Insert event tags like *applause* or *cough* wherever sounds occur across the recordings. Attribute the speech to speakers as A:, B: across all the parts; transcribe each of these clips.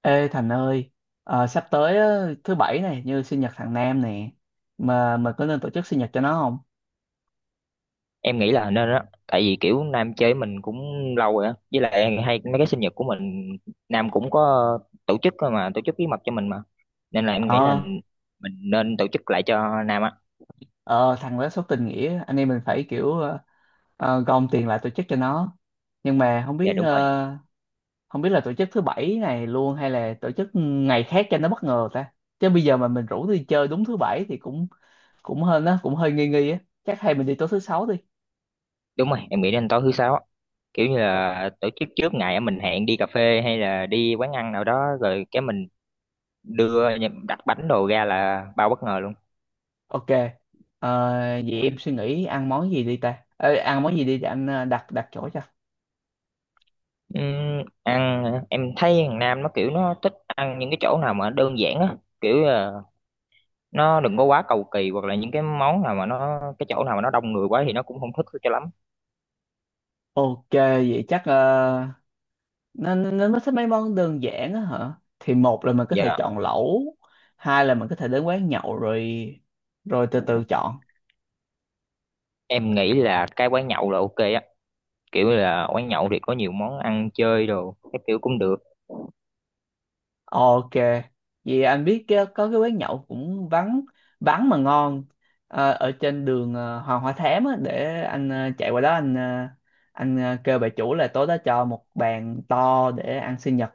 A: Ê Thành ơi, sắp tới á, thứ bảy này như sinh nhật thằng Nam nè, mà có nên tổ chức sinh nhật cho nó không?
B: Em nghĩ là nên á, tại vì kiểu Nam chơi mình cũng lâu rồi á, với lại hay mấy cái sinh nhật của mình Nam cũng có tổ chức, cơ mà tổ chức bí mật cho mình mà, nên là em nghĩ là
A: Ờ.
B: mình nên tổ chức lại cho Nam á.
A: ờ Thằng đó số tình nghĩa, anh em mình phải kiểu gom tiền lại tổ chức cho nó. Nhưng mà
B: Dạ đúng rồi,
A: không biết là tổ chức thứ bảy này luôn hay là tổ chức ngày khác cho nó bất ngờ ta. Chứ bây giờ mà mình rủ đi chơi đúng thứ bảy thì cũng cũng hơn á, cũng hơi nghi nghi á. Chắc hay mình đi tối thứ sáu đi.
B: đúng rồi, em nghĩ nên tối thứ sáu á. Kiểu như là tổ chức trước ngày á, mình hẹn đi cà phê hay là đi quán ăn nào đó rồi cái mình đưa đặt bánh đồ ra là bao bất ngờ luôn.
A: Ok, ờ, vậy em suy nghĩ ăn món gì đi ta? Ờ, Ăn món gì đi để anh đặt đặt chỗ cho.
B: Ăn hả? Em thấy thằng Nam nó kiểu nó thích ăn những cái chỗ nào mà đơn giản á, kiểu nó đừng có quá cầu kỳ, hoặc là những cái món nào mà nó, cái chỗ nào mà nó đông người quá thì nó cũng không thích cho lắm.
A: Ok, vậy chắc nó thích mấy món đơn giản á hả? Thì một là mình có thể
B: Dạ,
A: chọn lẩu, hai là mình có thể đến quán nhậu rồi rồi từ từ chọn.
B: em nghĩ là cái quán nhậu là ok á, kiểu là quán nhậu thì có nhiều món ăn chơi đồ, cái kiểu cũng được.
A: Ok, vậy anh biết có cái quán nhậu cũng vắng vắng mà ngon, ở trên đường Hoàng Hoa Thám á, để anh chạy qua đó anh kêu bà chủ là tối đó cho một bàn to để ăn sinh nhật.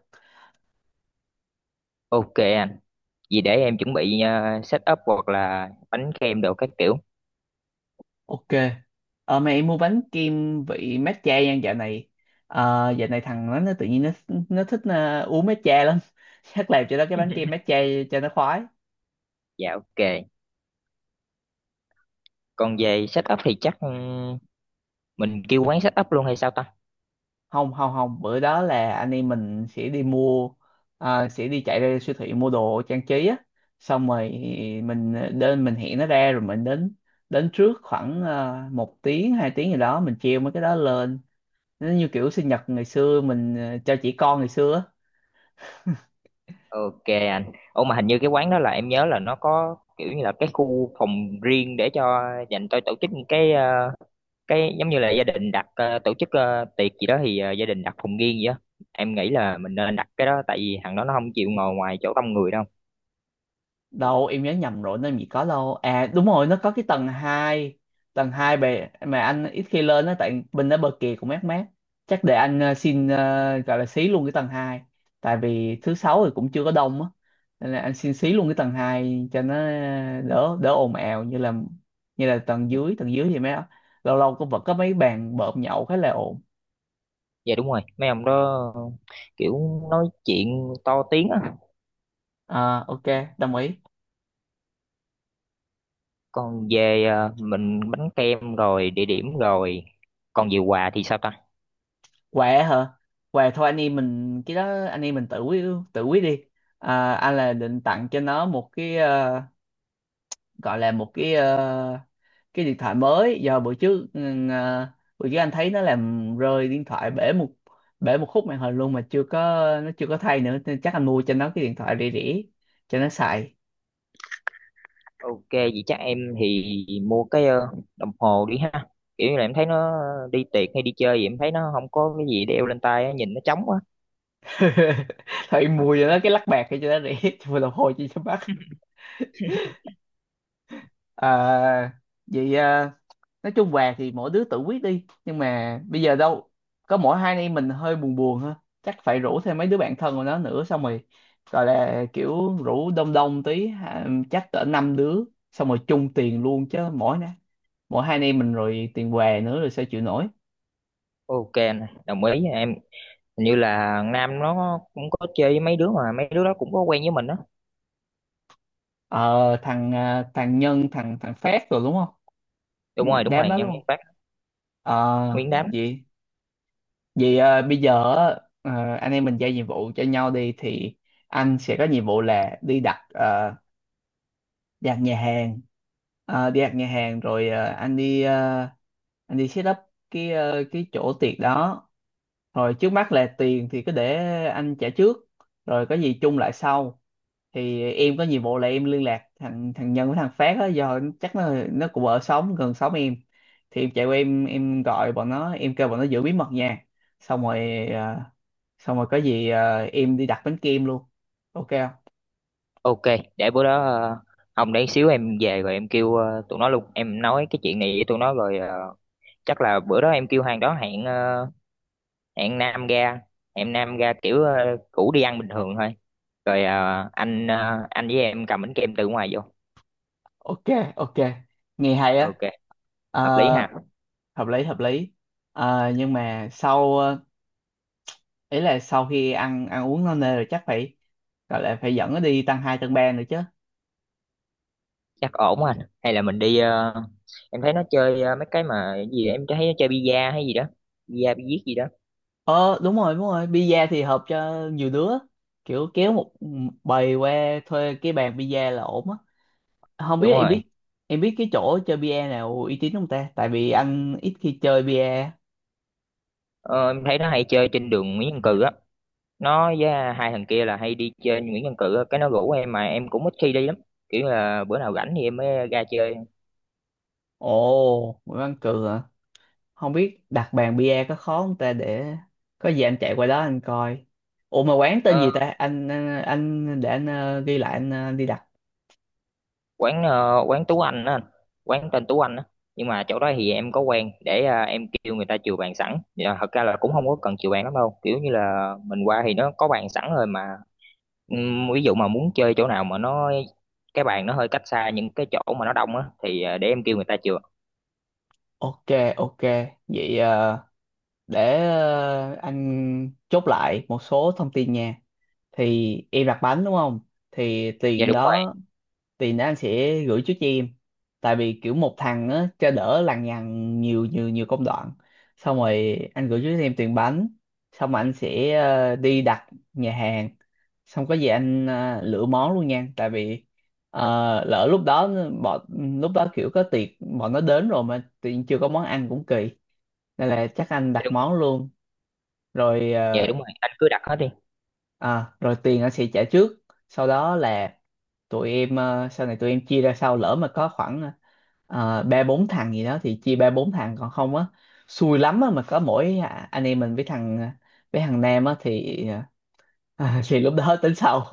B: Ok anh, vì để em chuẩn bị set up hoặc là bánh kem đồ các kiểu.
A: Ok, mẹ em mua bánh kem vị matcha nha dạo này. Dạo này thằng nó tự nhiên nó thích uống matcha lắm. *laughs* Chắc làm cho nó cái bánh kem
B: *laughs*
A: matcha cho nó khoái.
B: Dạ ok. Còn về set up thì chắc mình kêu quán set up luôn hay sao ta.
A: Không không không, bữa đó là anh em mình sẽ đi chạy ra siêu thị mua đồ trang trí á. Xong rồi mình mình hẹn nó ra rồi mình đến đến trước khoảng một tiếng hai tiếng gì đó mình treo mấy cái đó lên. Nó như kiểu sinh nhật ngày xưa mình cho trẻ con ngày xưa á.
B: Ok anh, ồ, mà hình như cái quán đó là em nhớ là nó có kiểu như là cái khu phòng riêng để cho, dành cho tổ chức những cái cái giống như là gia đình đặt tổ chức tiệc gì đó, thì gia đình đặt phòng riêng gì đó. Em nghĩ là mình nên đặt cái đó, tại vì thằng đó nó không chịu ngồi ngoài chỗ đông người đâu.
A: Đâu, em nhớ nhầm rồi, nó gì có đâu. À, đúng rồi, nó có cái tầng hai. Tầng 2 bề mà anh ít khi lên đó tại bên đó bờ kìa cũng mát mát. Chắc để anh xin gọi là xí luôn cái tầng 2, tại vì thứ sáu thì cũng chưa có đông á, nên là anh xin xí luôn cái tầng 2 cho nó đỡ đỡ ồn ào như là tầng dưới. Tầng dưới thì mấy lâu lâu cũng vẫn có mấy bàn bợm nhậu khá là ồn.
B: Dạ đúng rồi, mấy ông đó kiểu nói chuyện to tiếng á.
A: À, ok, đồng ý.
B: Còn về mình bánh kem rồi địa điểm rồi, còn về quà thì sao ta.
A: Quà hả? Quà thôi, anh em mình cái đó, anh em mình tự quyết, tự quyết đi. Anh là định tặng cho nó một cái gọi là cái điện thoại mới, do bữa trước anh thấy nó làm rơi điện thoại bể một khúc màn hình luôn mà chưa có nó chưa có thay nữa, nên chắc anh mua cho nó cái điện thoại rẻ rẻ cho nó xài.
B: Ok, vậy chắc em thì mua cái đồng hồ đi ha, kiểu như là em thấy nó đi tiệc hay đi chơi thì em thấy nó không có cái gì đeo lên tay á, nhìn nó trống quá.
A: *laughs* Thôi mua cho nó cái lắc bạc cho nó rẻ. *laughs* Cho đồng hồ chi cho mắc. à, Vậy nói chung về thì mỗi đứa tự quyết đi. Nhưng mà bây giờ đâu có mỗi hai anh em mình hơi buồn buồn ha, chắc phải rủ thêm mấy đứa bạn thân của nó nữa. Xong rồi gọi là kiểu rủ đông đông tí ha, chắc cỡ năm đứa, xong rồi chung tiền luôn chứ mỗi hai anh em mình rồi tiền què nữa rồi sao chịu nổi.
B: Ok anh, đồng ý em. Hình như là Nam nó cũng có chơi với mấy đứa mà mấy đứa đó cũng có quen với mình đó.
A: Thằng Nhân, thằng thằng Phát rồi đúng không?
B: Đúng rồi, đúng
A: Đám
B: rồi,
A: đó
B: Nhân
A: luôn.
B: viên phát.
A: Ờ
B: Nguyên đám.
A: vậy vậy à, bây giờ á, anh em mình giao nhiệm vụ cho nhau đi. Thì anh sẽ có nhiệm vụ là đi ăn nhà hàng. Đi ăn nhà hàng rồi anh đi set up cái chỗ tiệc đó. Rồi trước mắt là tiền thì cứ để anh trả trước, rồi có gì chung lại sau. Thì em có nhiệm vụ là em liên lạc thằng thằng Nhân với thằng Phát đó, do chắc nó cũng ở xóm gần xóm em. Thì em chạy qua, em gọi bọn nó, em kêu bọn nó giữ bí mật nha. xong rồi ờ, Xong rồi có gì em đi đặt bánh kem luôn. Ok không?
B: Ok, để bữa đó Hồng, để xíu em về rồi em kêu tụi nó luôn, em nói cái chuyện này với tụi nó, rồi chắc là bữa đó em kêu hàng đó hẹn hẹn Nam ra, hẹn Nam ra kiểu cũ, đi ăn bình thường thôi, rồi anh anh với em cầm bánh kem từ ngoài vô.
A: Ok. Ok, nghe hay á.
B: Ok.
A: Ờ,
B: Hợp lý ha.
A: hợp lý, hợp lý. Ờ, nhưng mà ý là sau khi ăn ăn uống no nê rồi chắc phải gọi là phải dẫn nó đi tăng hai tăng ba nữa chứ.
B: Chắc ổn anh, hay là mình đi em thấy nó chơi mấy cái mà cái gì đó, em thấy nó chơi bida hay gì đó, bida bi giết gì đó.
A: Ờ Đúng rồi, đúng rồi, pizza thì hợp cho nhiều đứa, kiểu kéo một bầy qua thuê cái bàn pizza là ổn á. Không
B: Đúng
A: biết
B: rồi.
A: em biết cái chỗ chơi pizza nào uy tín không ta, tại vì anh ít khi chơi pizza.
B: Ờ, em thấy nó hay chơi trên đường Nguyễn Văn Cừ á, nó với hai thằng kia là hay đi chơi Nguyễn Văn Cừ á. Cái nó rủ em mà em cũng ít khi đi lắm, kiểu là bữa nào rảnh thì em mới ra chơi.
A: Ồ, Nguyễn Văn Cường. Không biết đặt bàn bia có khó không ta, để có gì anh chạy qua đó anh coi. Ủa mà quán tên
B: Ờ,
A: gì ta? Anh để anh ghi lại, anh đi đặt.
B: quán quán Tú Anh á anh. Quán tên Tú Anh á, nhưng mà chỗ đó thì em có quen để em kêu người ta chiều bàn sẵn. Dạ, thật ra là cũng không có cần chiều bàn lắm đâu, kiểu như là mình qua thì nó có bàn sẵn rồi mà. Ví dụ mà muốn chơi chỗ nào mà nó, cái bàn nó hơi cách xa những cái chỗ mà nó đông á, thì để em kêu người ta chiều.
A: Ok, ok. Vậy để anh chốt lại một số thông tin nha. Thì em đặt bánh đúng không? Thì
B: Dạ
A: tiền
B: đúng rồi.
A: đó, tiền đó anh sẽ gửi trước cho em. Tại vì kiểu một thằng á, cho đỡ lằng nhằng nhiều nhiều nhiều công đoạn. Xong rồi anh gửi trước cho em tiền bánh. Xong rồi anh sẽ đi đặt nhà hàng. Xong có gì anh lựa món luôn nha, tại vì ờ, lỡ lúc đó bọn lúc đó kiểu có tiệc, bọn nó đến rồi mà tự nhiên chưa có món ăn cũng kỳ. Nên là chắc anh
B: Dạ
A: đặt
B: đúng.
A: món luôn. rồi
B: Dạ
A: ờ,
B: đúng rồi, anh cứ đặt hết đi.
A: Rồi tiền anh sẽ trả trước, sau đó là sau này tụi em chia ra sau, lỡ mà có khoảng ba bốn thằng gì đó thì chia ba bốn thằng, còn không á, xui lắm á mà có mỗi anh em mình với với thằng Nam á thì *laughs* thì lúc đó tính sau.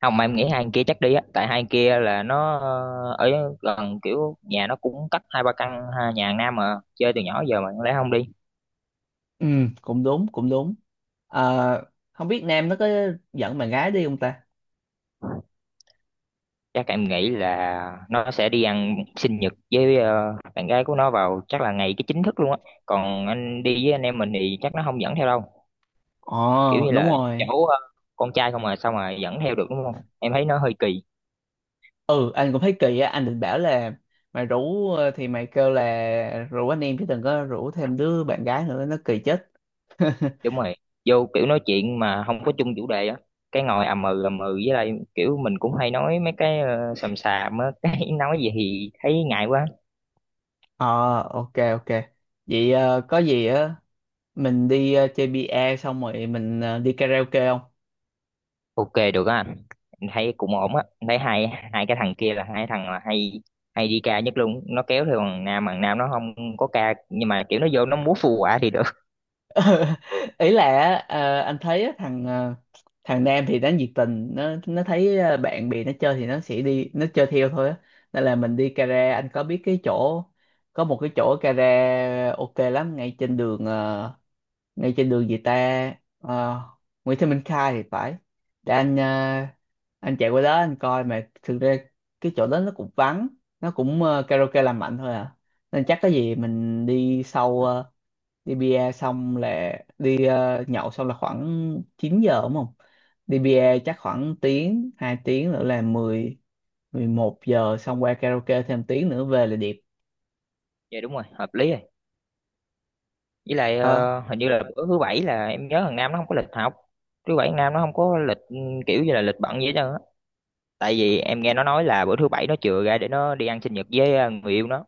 B: Không, mà em nghĩ hai anh kia chắc đi á, tại hai anh kia là nó ở gần, kiểu nhà nó cũng cách hai ba căn ha, nhà hàng Nam mà chơi từ nhỏ giờ mà lẽ không đi.
A: Ừ, cũng đúng, cũng đúng. Ờ, Không biết Nam nó có dẫn bạn gái đi không ta?
B: Chắc em nghĩ là nó sẽ đi ăn sinh nhật với bạn gái của nó vào chắc là ngày cái chính thức luôn á, còn anh đi với anh em mình thì chắc nó không dẫn theo đâu. Kiểu
A: Ồ,
B: như
A: đúng
B: là
A: rồi.
B: cháu con trai không mà sao mà dẫn theo được, đúng không, em thấy nó hơi kỳ.
A: Ừ, anh cũng thấy kỳ á, anh định bảo là thì mày kêu là rủ anh em chứ đừng có rủ thêm đứa bạn gái nữa, nó kỳ chết. *laughs*
B: Đúng rồi, vô kiểu nói chuyện mà không có chung chủ đề á, cái ngồi ầm ừ ầm ừ, với lại kiểu mình cũng hay nói mấy cái xàm xàm á *laughs* cái nói gì thì thấy ngại quá.
A: Ờ, ok, ok. Vậy có gì á, mình đi chơi bia xong rồi mình đi karaoke không?
B: Ok được á anh. Em thấy cũng ổn á. Em thấy hai hai cái thằng kia là hai thằng là hay hay đi ca nhất luôn, nó kéo theo thằng Nam, thằng Nam nó không có ca nhưng mà kiểu nó vô nó múa phù quả thì được.
A: *laughs* Ý là anh thấy á, thằng Nam thì nó nhiệt tình, nó thấy bạn bè nó chơi thì nó sẽ đi nó chơi theo thôi á. Nên là mình đi Cara. Anh có biết cái chỗ có một cái chỗ Cara ok lắm ngay trên đường, ngay trên đường gì ta. Ờ, Nguyễn Thị Minh Khai thì phải, để anh chạy qua đó anh coi. Mà thực ra cái chỗ đó nó cũng vắng, karaoke làm mạnh thôi à. Nên chắc cái gì mình đi bia xong là đi, nhậu xong là khoảng 9 giờ đúng không. Đi bia chắc khoảng tiếng hai tiếng nữa là mười, mười một giờ, xong qua karaoke thêm tiếng nữa về là điệp.
B: *laughs* Dạ đúng rồi, hợp lý rồi. Với lại
A: ờ
B: hình như là bữa thứ bảy là em nhớ thằng Nam nó không có lịch học. Thứ bảy thằng Nam nó không có lịch, kiểu như là lịch bận gì hết trơn á, tại vì em nghe nó nói là bữa thứ bảy nó chừa ra để nó đi ăn sinh nhật với người yêu nó.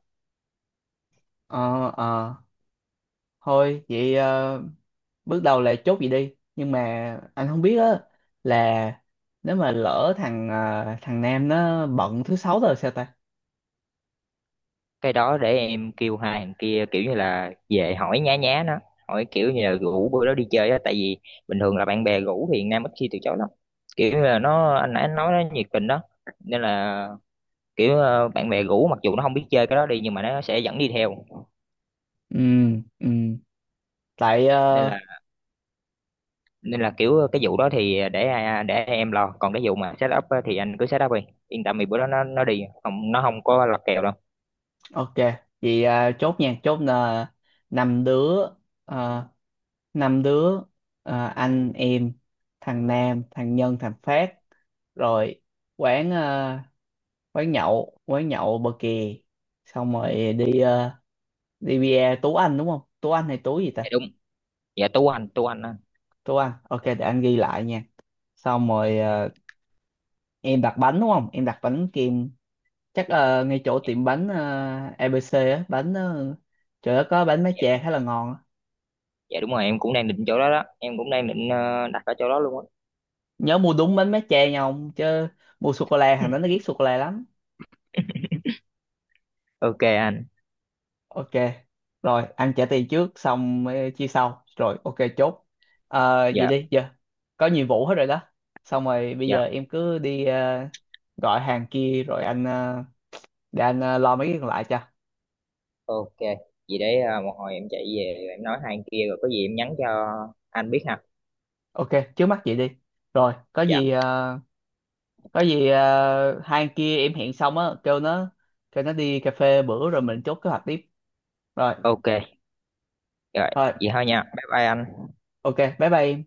A: ờ ờ Thôi vậy, bước đầu là chốt vậy đi. Nhưng mà anh không biết á là nếu mà lỡ thằng Nam nó bận thứ sáu rồi sao ta.
B: Cái đó để em kêu hai thằng kia, kiểu như là về hỏi nhá nhá nó, hỏi kiểu như là rủ bữa đó đi chơi á, tại vì bình thường là bạn bè rủ thì Nam ít khi từ chối lắm, kiểu như là nó, anh nãy nói nó nhiệt tình đó, nên là kiểu bạn bè rủ mặc dù nó không biết chơi cái đó đi, nhưng mà nó sẽ dẫn đi theo.
A: Ừ, ừ, tại
B: nên là nên là kiểu cái vụ đó thì để em lo, còn cái vụ mà set up á thì anh cứ set up đi, yên tâm, vì bữa đó nó đi, không nó không có lật kèo đâu.
A: ok. Vậy à, chốt nha. Chốt là năm đứa, à, năm đứa à, anh em, thằng Nam, thằng Nhân, thằng Phát rồi. Quán, quán nhậu bờ kè. Xong rồi đi bia Tú Anh đúng không? Tú Anh hay Tú gì
B: Dạ
A: ta?
B: đúng. Dạ Tú Anh, Tú Anh á.
A: Tú Anh, ok, để anh ghi lại nha. Xong rồi, à, em đặt bánh đúng không? Em đặt bánh kem chắc là ngay chỗ tiệm bánh, à, ABC á. Bánh, uh, chỗ đó có bánh má
B: Dạ,
A: chè khá là ngon á.
B: dạ đúng rồi, em cũng đang định chỗ đó đó, em cũng đang định đặt ở chỗ đó luôn á.
A: Nhớ mua đúng bánh mát cha nha ông, chứ mua sô cô la hàng đó nó ghét sô cô la lắm.
B: Ok anh.
A: Ok. Rồi ăn trả tiền trước xong chia sau rồi, ok chốt. Ờ, vậy
B: Dạ.
A: đi giờ, có nhiệm vụ hết rồi đó. Xong rồi bây
B: Dạ
A: giờ em cứ đi gọi hàng kia rồi để anh lo mấy cái còn lại cho.
B: ok. Vậy đấy, à, một hồi em chạy về rồi em nói hai anh kia, rồi có gì em nhắn cho anh biết ha.
A: Ok, trước mắt vậy đi. Rồi
B: Dạ
A: có gì hai anh kia em hẹn xong á, kêu nó, đi cà phê bữa rồi mình chốt kế hoạch tiếp. Rồi,
B: ok. Rồi.
A: rồi,
B: Vậy thôi nha, bye bye anh.
A: ok, bye bye em.